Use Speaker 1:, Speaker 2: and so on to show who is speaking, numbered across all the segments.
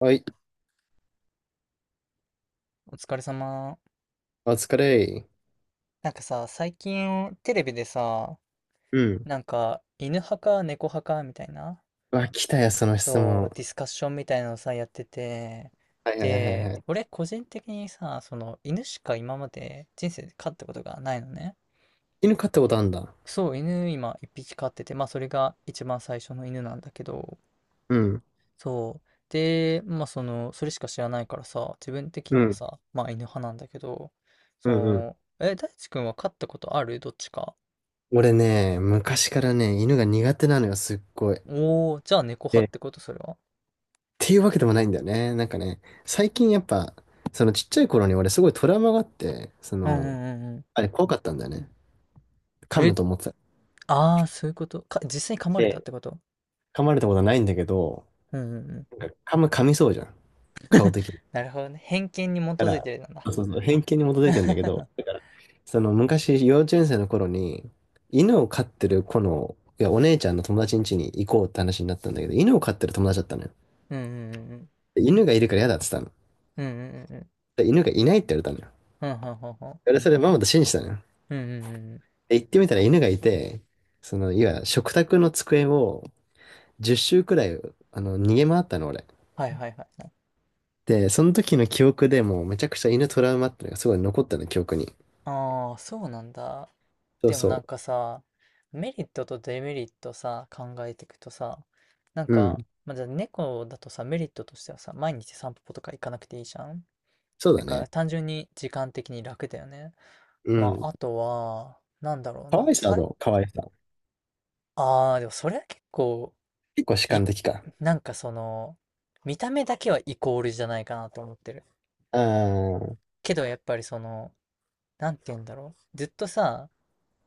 Speaker 1: はい、
Speaker 2: お疲れ様。
Speaker 1: お疲れ。
Speaker 2: なんかさ、最近テレビでさ、
Speaker 1: うん。
Speaker 2: なんか犬派か猫派かみたいな、
Speaker 1: あ、来たよ、その質
Speaker 2: そう、
Speaker 1: 問。
Speaker 2: ディスカッションみたいなのさ、やってて、
Speaker 1: はいはいはい
Speaker 2: で、
Speaker 1: はい。
Speaker 2: 俺個人的にさ、その犬しか今まで人生で飼ったことがないのね。
Speaker 1: 犬飼ったことあんだ。
Speaker 2: そう、犬今一匹飼ってて、まあそれが一番最初の犬なんだけど、
Speaker 1: うん。
Speaker 2: そう。で、まあその、それしか知らないからさ、自分的
Speaker 1: う
Speaker 2: には
Speaker 1: ん。
Speaker 2: さ、まあ犬派なんだけど、
Speaker 1: うんうん。
Speaker 2: そう、え、大地君は飼ったことあるどっちか？
Speaker 1: 俺ね、昔からね、犬が苦手なのよ、すっごい。
Speaker 2: おお、じゃあ猫派
Speaker 1: で
Speaker 2: っ
Speaker 1: っ
Speaker 2: てことそれは？
Speaker 1: ていうわけでもないんだよね。なんかね、最近やっぱ、そのちっちゃい頃に俺すごいトラウマがあって、そ
Speaker 2: うんう
Speaker 1: の、
Speaker 2: んうんう
Speaker 1: あれ怖かったんだよね。
Speaker 2: ん。
Speaker 1: 噛む
Speaker 2: え、
Speaker 1: と思ってた。
Speaker 2: ああ、そういうこと。実際に噛まれたっ
Speaker 1: で、
Speaker 2: てこと？
Speaker 1: 噛まれたことはないんだけど、
Speaker 2: うんうんうん。
Speaker 1: なんか噛みそうじゃん。顔的に。
Speaker 2: なるほどね。偏見に基
Speaker 1: だか
Speaker 2: づい
Speaker 1: ら、
Speaker 2: てるなんだ。
Speaker 1: そう、偏見に基づいてんだけど、その昔、幼稚園生の頃に、犬を飼ってる子の、お姉ちゃんの友達ん家に行こうって話になったんだけど、犬を飼ってる友達だったのよ。
Speaker 2: うんうんうんうん。
Speaker 1: で犬がいるから嫌だって言ったの。
Speaker 2: うんうんうんうん。
Speaker 1: で犬がいないって言われたのよ。
Speaker 2: うんはんうん
Speaker 1: 俺それママと信じたのよ。
Speaker 2: うん。うんうんうんうん。
Speaker 1: で行ってみたら犬がいて、その、食卓の机を10周くらい、あの、逃げ回ったの、俺。
Speaker 2: はいはいはいはい。
Speaker 1: で、その時の記憶でもうめちゃくちゃ犬トラウマってのがすごい残ったの、記憶に。
Speaker 2: ああ、そうなんだ。
Speaker 1: そう
Speaker 2: でもなん
Speaker 1: そ
Speaker 2: かさ、メリットとデメリットさ、考えていくとさ、なん
Speaker 1: う。う
Speaker 2: か、
Speaker 1: ん。
Speaker 2: まあ、じゃあ猫だとさ、メリットとしてはさ、毎日散歩とか行かなくていいじゃん。
Speaker 1: そう
Speaker 2: だ
Speaker 1: だ
Speaker 2: から
Speaker 1: ね。
Speaker 2: 単純に時間的に楽だよね。
Speaker 1: う
Speaker 2: ま
Speaker 1: ん。
Speaker 2: あ、あとは、なんだろう
Speaker 1: 可
Speaker 2: な。
Speaker 1: 愛さはどう可愛さ。
Speaker 2: ああ、でもそれは結構、
Speaker 1: 結構主
Speaker 2: い、
Speaker 1: 観的か。
Speaker 2: なんかその、見た目だけはイコールじゃないかなと思ってる。
Speaker 1: ああ、
Speaker 2: けどやっぱりその、なんて言うんだろう。ずっとさ、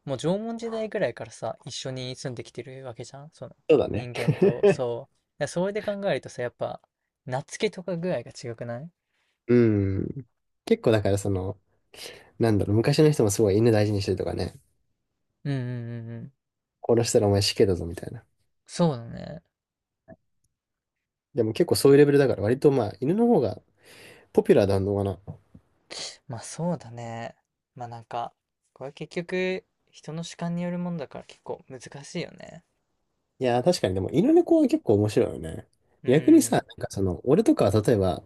Speaker 2: もう縄文時代ぐらいからさ、一緒に住んできてるわけじゃん。その、
Speaker 1: そうだね。
Speaker 2: 人間と、そう。だからそれで考えるとさ、やっぱ、懐けとかぐらいが違くない？
Speaker 1: うん。結構だからその、なんだろう、昔の人もすごい犬大事にしてるとかね、
Speaker 2: うんうんうんうん。
Speaker 1: 殺したらお前死刑だぞみたいな。
Speaker 2: そうだね。
Speaker 1: でも結構そういうレベルだから割とまあ犬の方がポピュラーなのかな。
Speaker 2: まあそうだね。まあなんか、これは結局、人の主観によるものだから結構難しいよね。
Speaker 1: いやー確かにでも犬猫は結構面白いよね。
Speaker 2: う
Speaker 1: 逆にさ、
Speaker 2: ん。
Speaker 1: なんかその、俺とかは例えば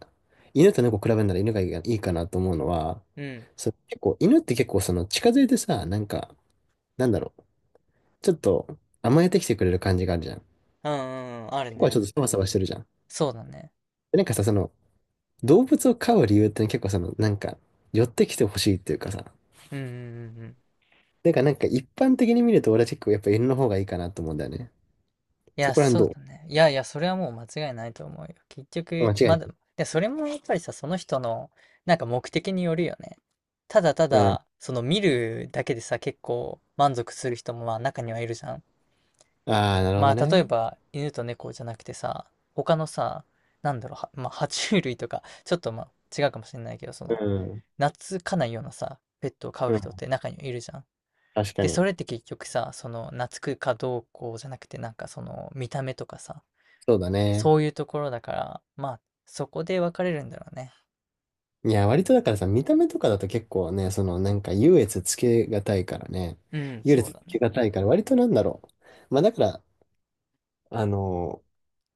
Speaker 1: 犬と猫比べるなら犬がいいかなと思うのは、
Speaker 2: うん。
Speaker 1: その結構犬って結構その近づいてさ、なんか、なんだろう、ちょっと甘えてきてくれる感じがあるじゃん。
Speaker 2: うんうんうん。ある
Speaker 1: 猫はちょっ
Speaker 2: ね。
Speaker 1: とサバサバしてるじゃん。
Speaker 2: そうだね。
Speaker 1: でなんかさ、その、動物を飼う理由って結構その、なんか、寄ってきてほしいっていうかさ、
Speaker 2: うんうんうんうん。
Speaker 1: だかかなんか一般的に見ると俺は結構やっぱ犬の方がいいかなと思うんだよね。
Speaker 2: い
Speaker 1: そ
Speaker 2: や、
Speaker 1: こら辺
Speaker 2: そう
Speaker 1: ど
Speaker 2: だね。いやいや、それはもう間違いないと思うよ。結
Speaker 1: う間
Speaker 2: 局、
Speaker 1: 違
Speaker 2: ま
Speaker 1: いな
Speaker 2: だ、
Speaker 1: い。
Speaker 2: で、それもやっぱりさ、その人の、なんか目的によるよね。ただた
Speaker 1: うん。
Speaker 2: だ、その見るだけでさ、結構満足する人もまあ中にはいるじゃん。
Speaker 1: ああ、なるほど
Speaker 2: まあ、例え
Speaker 1: ね。
Speaker 2: ば、犬と猫じゃなくてさ、他のさ、なんだろう、まあ、爬虫類とか、ちょっとまあ、違うかもしれないけど、そ
Speaker 1: う
Speaker 2: の、
Speaker 1: ん。
Speaker 2: 懐かないようなさ、ペットを飼う
Speaker 1: うん。
Speaker 2: 人って中にいるじゃん。
Speaker 1: 確か
Speaker 2: で、そ
Speaker 1: に。
Speaker 2: れって結局さ、その、懐くかどうこうじゃなくて、なんかその、見た目とかさ、
Speaker 1: そうだね。
Speaker 2: そういうところだから、まあ、そこで分かれるんだろうね。
Speaker 1: いや、割とだからさ、見た目とかだと結構ね、そのなんか優劣つけがたいからね。
Speaker 2: うん、
Speaker 1: 優
Speaker 2: そう
Speaker 1: 劣つ
Speaker 2: だ
Speaker 1: け
Speaker 2: ね。
Speaker 1: がたいから、割となんだろう。まあだから、あの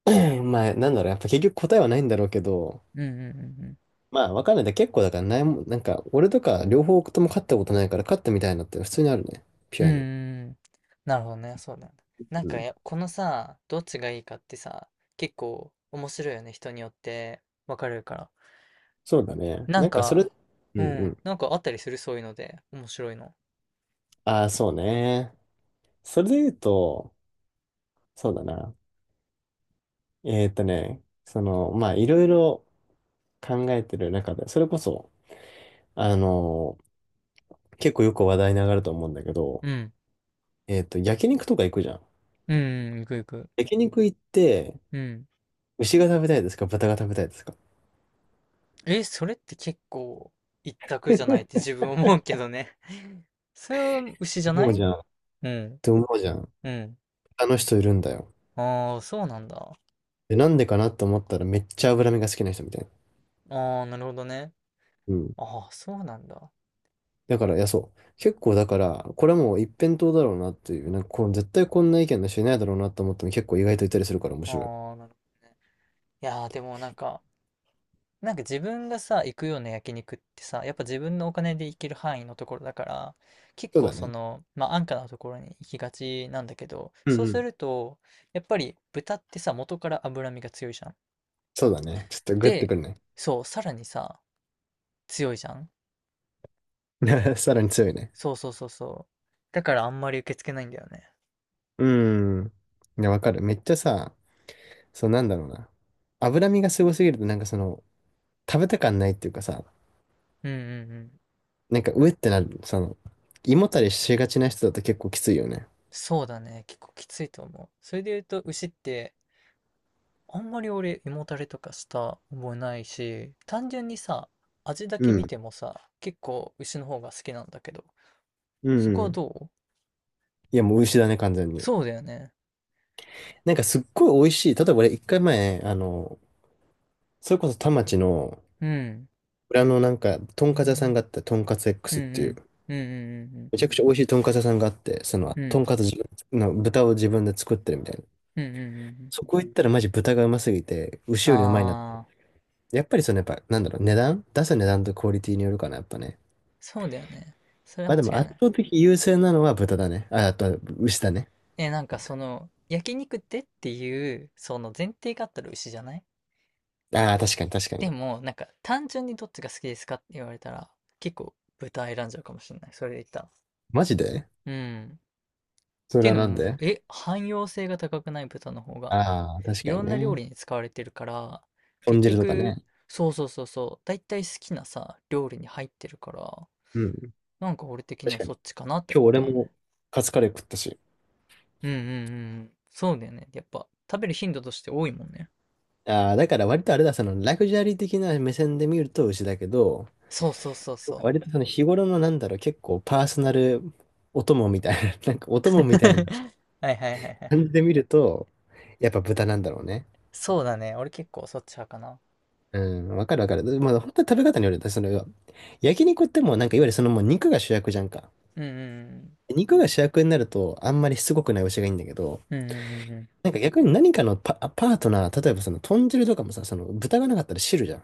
Speaker 1: まあなんだろう、やっぱ結局答えはないんだろうけど、
Speaker 2: うんうんうんうん。
Speaker 1: まあ、わかんないだ。結構だからないも、なんか、俺とか両方とも勝ったことないから、勝ったみたいなって普通にあるね。ピ
Speaker 2: う
Speaker 1: ュ
Speaker 2: ん
Speaker 1: ア
Speaker 2: うん
Speaker 1: に。
Speaker 2: うん。なるほどね、そうなんだ。なん
Speaker 1: う
Speaker 2: か
Speaker 1: ん。
Speaker 2: や、このさ、どっちがいいかってさ、結構面白いよね、人によって分かれるから。
Speaker 1: そうだね。
Speaker 2: なん
Speaker 1: なんか、それ、
Speaker 2: か、
Speaker 1: う
Speaker 2: う
Speaker 1: んう
Speaker 2: ん、
Speaker 1: ん。
Speaker 2: なんかあったりする、そういうので、面白いの？
Speaker 1: ああ、そうね。それで言うと、そうだな。その、まあ、いろいろ考えてる中で、それこそ、あのー結構よく話題に上がると思うんだけど、
Speaker 2: うん。
Speaker 1: 焼肉とか行くじゃん。
Speaker 2: うん、うん、いくいく。
Speaker 1: 焼肉行って、
Speaker 2: うん。
Speaker 1: 牛が食べたいですか豚が食べたいですか？
Speaker 2: え、それって結構一択じゃないって 自分思うけどね。それは牛じゃ
Speaker 1: 思
Speaker 2: な
Speaker 1: う
Speaker 2: い？
Speaker 1: じゃん。っ
Speaker 2: うん、
Speaker 1: て思うじゃん。
Speaker 2: うん。
Speaker 1: あの人いるんだよ。
Speaker 2: ああ、そうなんだ。
Speaker 1: で、なんでかなと思ったらめっちゃ脂身が好きな人みたいな。
Speaker 2: ああ、なるほどね。
Speaker 1: うん。
Speaker 2: ああ、そうなんだ。
Speaker 1: だから、いや、そう。結構だから、これはもう一辺倒だろうなっていう、なんかこう、絶対こんな意見の人いないだろうなと思っても結構意外といたりするから面
Speaker 2: あ
Speaker 1: 白い。
Speaker 2: あ、なるほどね。いやー、でもなんか、なんか自分がさ、行くような焼肉ってさ、やっぱ自分のお金で行ける範囲のところだから、結
Speaker 1: そう
Speaker 2: 構
Speaker 1: だ
Speaker 2: そ
Speaker 1: ね。
Speaker 2: の、まあ安価なところに行きがちなんだけど、
Speaker 1: う
Speaker 2: そ
Speaker 1: ん
Speaker 2: う
Speaker 1: う
Speaker 2: す
Speaker 1: ん。
Speaker 2: ると、やっぱり豚ってさ、元から脂身が強いじゃん。
Speaker 1: そうだね。ちょっとグッて
Speaker 2: で、
Speaker 1: くるね。
Speaker 2: そう、さらにさ、強いじゃん。
Speaker 1: さらに強いね。
Speaker 2: そうそうそうそう。だからあんまり受け付けないんだよね。
Speaker 1: うん。いや、わかる。めっちゃさ、そうなんだろうな。脂身がすごすぎるとなんかその、食べた感ないっていうかさ、
Speaker 2: うんうんうん。
Speaker 1: なんかうえってなる、その、胃もたれしがちな人だと結構きついよね。
Speaker 2: そうだね。結構きついと思う。それで言うと、牛って、あんまり俺、胃もたれとかした覚えないし、単純にさ、味だ
Speaker 1: う
Speaker 2: け見
Speaker 1: ん。
Speaker 2: てもさ、結構牛の方が好きなんだけど、
Speaker 1: うん
Speaker 2: そこ
Speaker 1: う
Speaker 2: は
Speaker 1: ん。
Speaker 2: どう？
Speaker 1: いや、もう牛だね、完全に。
Speaker 2: そうだよね。
Speaker 1: なんかすっごい美味しい。例えば俺一回前、あの、それこそ田町の
Speaker 2: うん。
Speaker 1: 裏のなんか、とんかつ屋さんがあった、とんかつ
Speaker 2: うん
Speaker 1: X っ
Speaker 2: う
Speaker 1: ていう、
Speaker 2: ん。うんうん
Speaker 1: めちゃくちゃ美味しいとんかつ屋さんがあって、その、
Speaker 2: うんうん。う
Speaker 1: と
Speaker 2: ん。
Speaker 1: んかつ自分の豚を自分で作ってるみたいな。
Speaker 2: うんうんうん
Speaker 1: そこ行ったらマジ豚がうますぎて、
Speaker 2: う
Speaker 1: 牛
Speaker 2: ん。
Speaker 1: よりうまいなって。
Speaker 2: ああ、
Speaker 1: やっぱりそのやっぱ、なんだろう、値段とクオリティによるかな、やっぱね。
Speaker 2: そうだよね。それは
Speaker 1: まあ
Speaker 2: 間違
Speaker 1: で
Speaker 2: い
Speaker 1: も
Speaker 2: な
Speaker 1: 圧
Speaker 2: い。
Speaker 1: 倒的優勢なのは豚だね。あ、あとは牛だね。
Speaker 2: え、なんかその、焼肉ってっていう、その前提があったら牛じゃない？
Speaker 1: ああ、確かに。
Speaker 2: でも、なんか単純にどっちが好きですかって言われたら、結構豚選んじゃうかもしれない。それで言ったら。
Speaker 1: マジで
Speaker 2: うん。
Speaker 1: そ
Speaker 2: て
Speaker 1: れ
Speaker 2: いう
Speaker 1: は
Speaker 2: の
Speaker 1: なん
Speaker 2: も、
Speaker 1: で？
Speaker 2: え、汎用性が高くない豚の方が、
Speaker 1: ああー、確
Speaker 2: い
Speaker 1: か
Speaker 2: ろ
Speaker 1: に
Speaker 2: んな料
Speaker 1: ね。
Speaker 2: 理に使われてるから、
Speaker 1: 豚
Speaker 2: 結
Speaker 1: 汁とか
Speaker 2: 局、
Speaker 1: ね。
Speaker 2: そうそうそうそう、だいたい好きなさ、料理に入ってるから、
Speaker 1: うん。
Speaker 2: なんか俺的に
Speaker 1: 確
Speaker 2: は
Speaker 1: かに
Speaker 2: そっちかなって
Speaker 1: 今日
Speaker 2: 思う
Speaker 1: 俺
Speaker 2: けどね。
Speaker 1: も、カツカレー食ったし。
Speaker 2: うんうんうんうん。そうだよね。やっぱ、食べる頻度として多いもんね。
Speaker 1: ああ、だから割とあれだ、そのラグジュアリー的な目線で見ると牛だけど、
Speaker 2: そうそうそうそう。
Speaker 1: 割とその日頃のなんだろう、結構パーソナルお供みたいな、なんかお供みたいな
Speaker 2: はいはいはいはい。
Speaker 1: 感じで見ると、やっぱ豚なんだろうね。
Speaker 2: そうだね。俺結構そっち派かな。
Speaker 1: うん、わかるわかる。まあ本当に食べ方によるよね。その、焼肉ってもうなんかいわゆるそのもう肉が主役じゃんか。
Speaker 2: うんうん
Speaker 1: 肉が主役になるとあんまりしつこくない牛がいいんだけど、
Speaker 2: うん。うんうんうんうん。
Speaker 1: なんか逆に何かのパートナー、例えばその豚汁とかもさ、その豚がなかったら汁じゃん。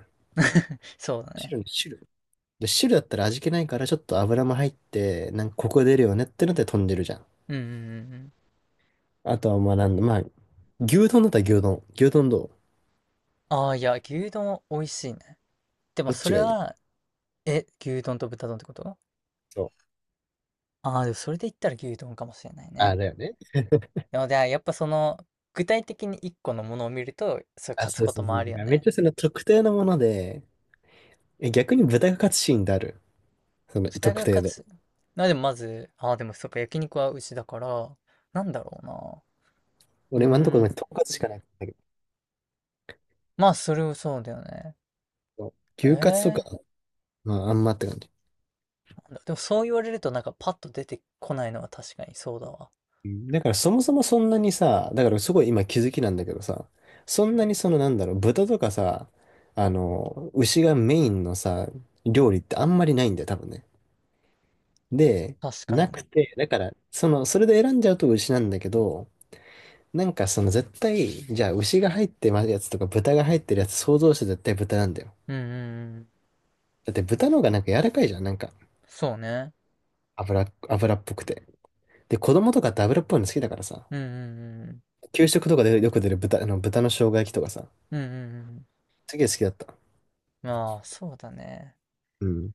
Speaker 2: そうだね。
Speaker 1: 汁で、汁だったら味気ないから、ちょっと油も入って、なんかコク出るよねってので飛んでるじゃん。
Speaker 2: うんうんうんうん。
Speaker 1: あとはまあなんだ、まあ、牛丼だったら牛丼。牛丼どう
Speaker 2: ああ、いや、牛丼美味しいね。でも
Speaker 1: どっ
Speaker 2: そ
Speaker 1: ち
Speaker 2: れ
Speaker 1: がいい？
Speaker 2: は、え、牛丼と豚丼ってこと？
Speaker 1: そう。
Speaker 2: ああー、でもそれで言ったら牛丼かもしれない
Speaker 1: あ、
Speaker 2: ね。
Speaker 1: だよね。
Speaker 2: でも、じゃあやっぱその、具体的に一個のものを見ると、それ
Speaker 1: あ、
Speaker 2: 勝つ
Speaker 1: そう
Speaker 2: こ
Speaker 1: そ
Speaker 2: と
Speaker 1: うそ
Speaker 2: もあ
Speaker 1: う。
Speaker 2: る
Speaker 1: だ
Speaker 2: よ
Speaker 1: からめっ
Speaker 2: ね。
Speaker 1: ちゃその特定のもので、え、逆に豚カツシーンである。その
Speaker 2: 豚
Speaker 1: 特
Speaker 2: が
Speaker 1: 定
Speaker 2: 勝
Speaker 1: で。
Speaker 2: つ。でもまず、ああ、でもそっか、焼肉は牛だから、なんだろうな。う
Speaker 1: 俺今のとこ
Speaker 2: ー
Speaker 1: ろ
Speaker 2: ん。
Speaker 1: 豚カツしかないんだけ
Speaker 2: まあ、それをそうだよね。
Speaker 1: ど、牛カツと
Speaker 2: え
Speaker 1: か、
Speaker 2: え
Speaker 1: まああんまって感じ。
Speaker 2: なんだ、でもそう言われるとなんかパッと出てこないのは確かにそうだわ。
Speaker 1: うんだからそもそもそんなにさ、だからすごい今気づきなんだけどさ、そんなにそのなんだろう、豚とかさ、あの、牛がメインのさ、料理ってあんまりないんだよ、多分ね。で、
Speaker 2: 確か
Speaker 1: な
Speaker 2: に。
Speaker 1: くて、だから、その、それで選んじゃうと牛なんだけど、なんかその絶対、じゃあ牛が入ってるやつとか豚が入ってるやつ想像して絶対豚なんだよ。
Speaker 2: うんうんうん。
Speaker 1: だって豚の方がなんか柔らかいじゃん、なんか
Speaker 2: そうね。
Speaker 1: 油っぽくて。で、子供とかって油っぽいの好きだからさ、
Speaker 2: うんうん
Speaker 1: 給食とかでよく出る豚、あの豚の生姜焼きとかさ、
Speaker 2: うん。うんうんうん。
Speaker 1: すげえ好きだった。
Speaker 2: まあ、そうだね。
Speaker 1: うん。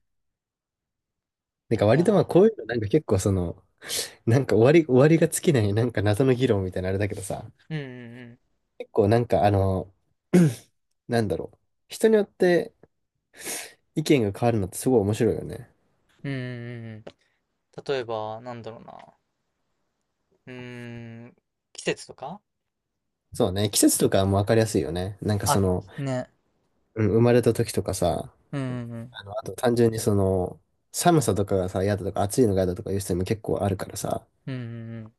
Speaker 1: なんか
Speaker 2: いや
Speaker 1: 割とまあ
Speaker 2: ー。
Speaker 1: こういうのなんか結構その、なんか終わりが尽きないなんか謎の議論みたいなあれだけどさ、
Speaker 2: うんうん
Speaker 1: 結構なんかあの、なんだろう。人によって意見が変わるのってすごい面白いよね。
Speaker 2: うん。うんうんうんうん。例えば、なんだろうな。うーん、季節とか？
Speaker 1: そうね。季節とかはもうわかりやすいよね。なんかそ
Speaker 2: あ、
Speaker 1: の、
Speaker 2: ね。
Speaker 1: うん、生まれた時とかさ、
Speaker 2: うんうんうん。
Speaker 1: あの、あと単純にその、寒さとかがさ、嫌だとか暑いのが嫌だとかいう人も結構あるからさ、
Speaker 2: うんうんうん。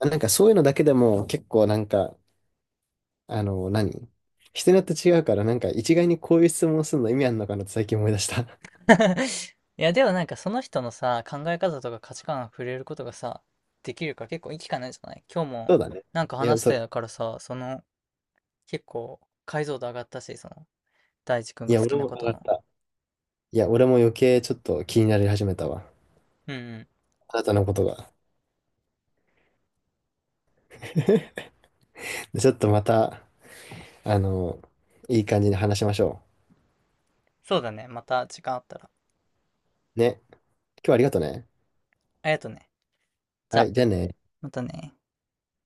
Speaker 1: なんかそういうのだけでも結構なんかあの、何人によって違うから、なんか一概にこういう質問するの意味あるのかなって最近思い出した。
Speaker 2: いや、でもなんかその人のさ、考え方とか価値観が触れることがさ、できるから結構いい機会なんじゃない？今日
Speaker 1: そ
Speaker 2: も
Speaker 1: うだね。
Speaker 2: なんか
Speaker 1: いや、
Speaker 2: 話し
Speaker 1: そ
Speaker 2: た
Speaker 1: う。
Speaker 2: やからさ、その結構解像度上がったし、その大地君
Speaker 1: い
Speaker 2: が
Speaker 1: や、
Speaker 2: 好き
Speaker 1: 俺
Speaker 2: な
Speaker 1: も
Speaker 2: こ
Speaker 1: 上
Speaker 2: と
Speaker 1: がっ
Speaker 2: の。
Speaker 1: た。いや、俺も余計ちょっと気になり始めたわ。
Speaker 2: うんうん。
Speaker 1: あなたのことが。でちょっとまた、あの、いい感じに話しましょ
Speaker 2: そうだね。また時間あったら。
Speaker 1: う。ね。今日はありがとね。
Speaker 2: ありがとうね。じ
Speaker 1: は
Speaker 2: ゃあ、
Speaker 1: い、じゃあね。
Speaker 2: またね。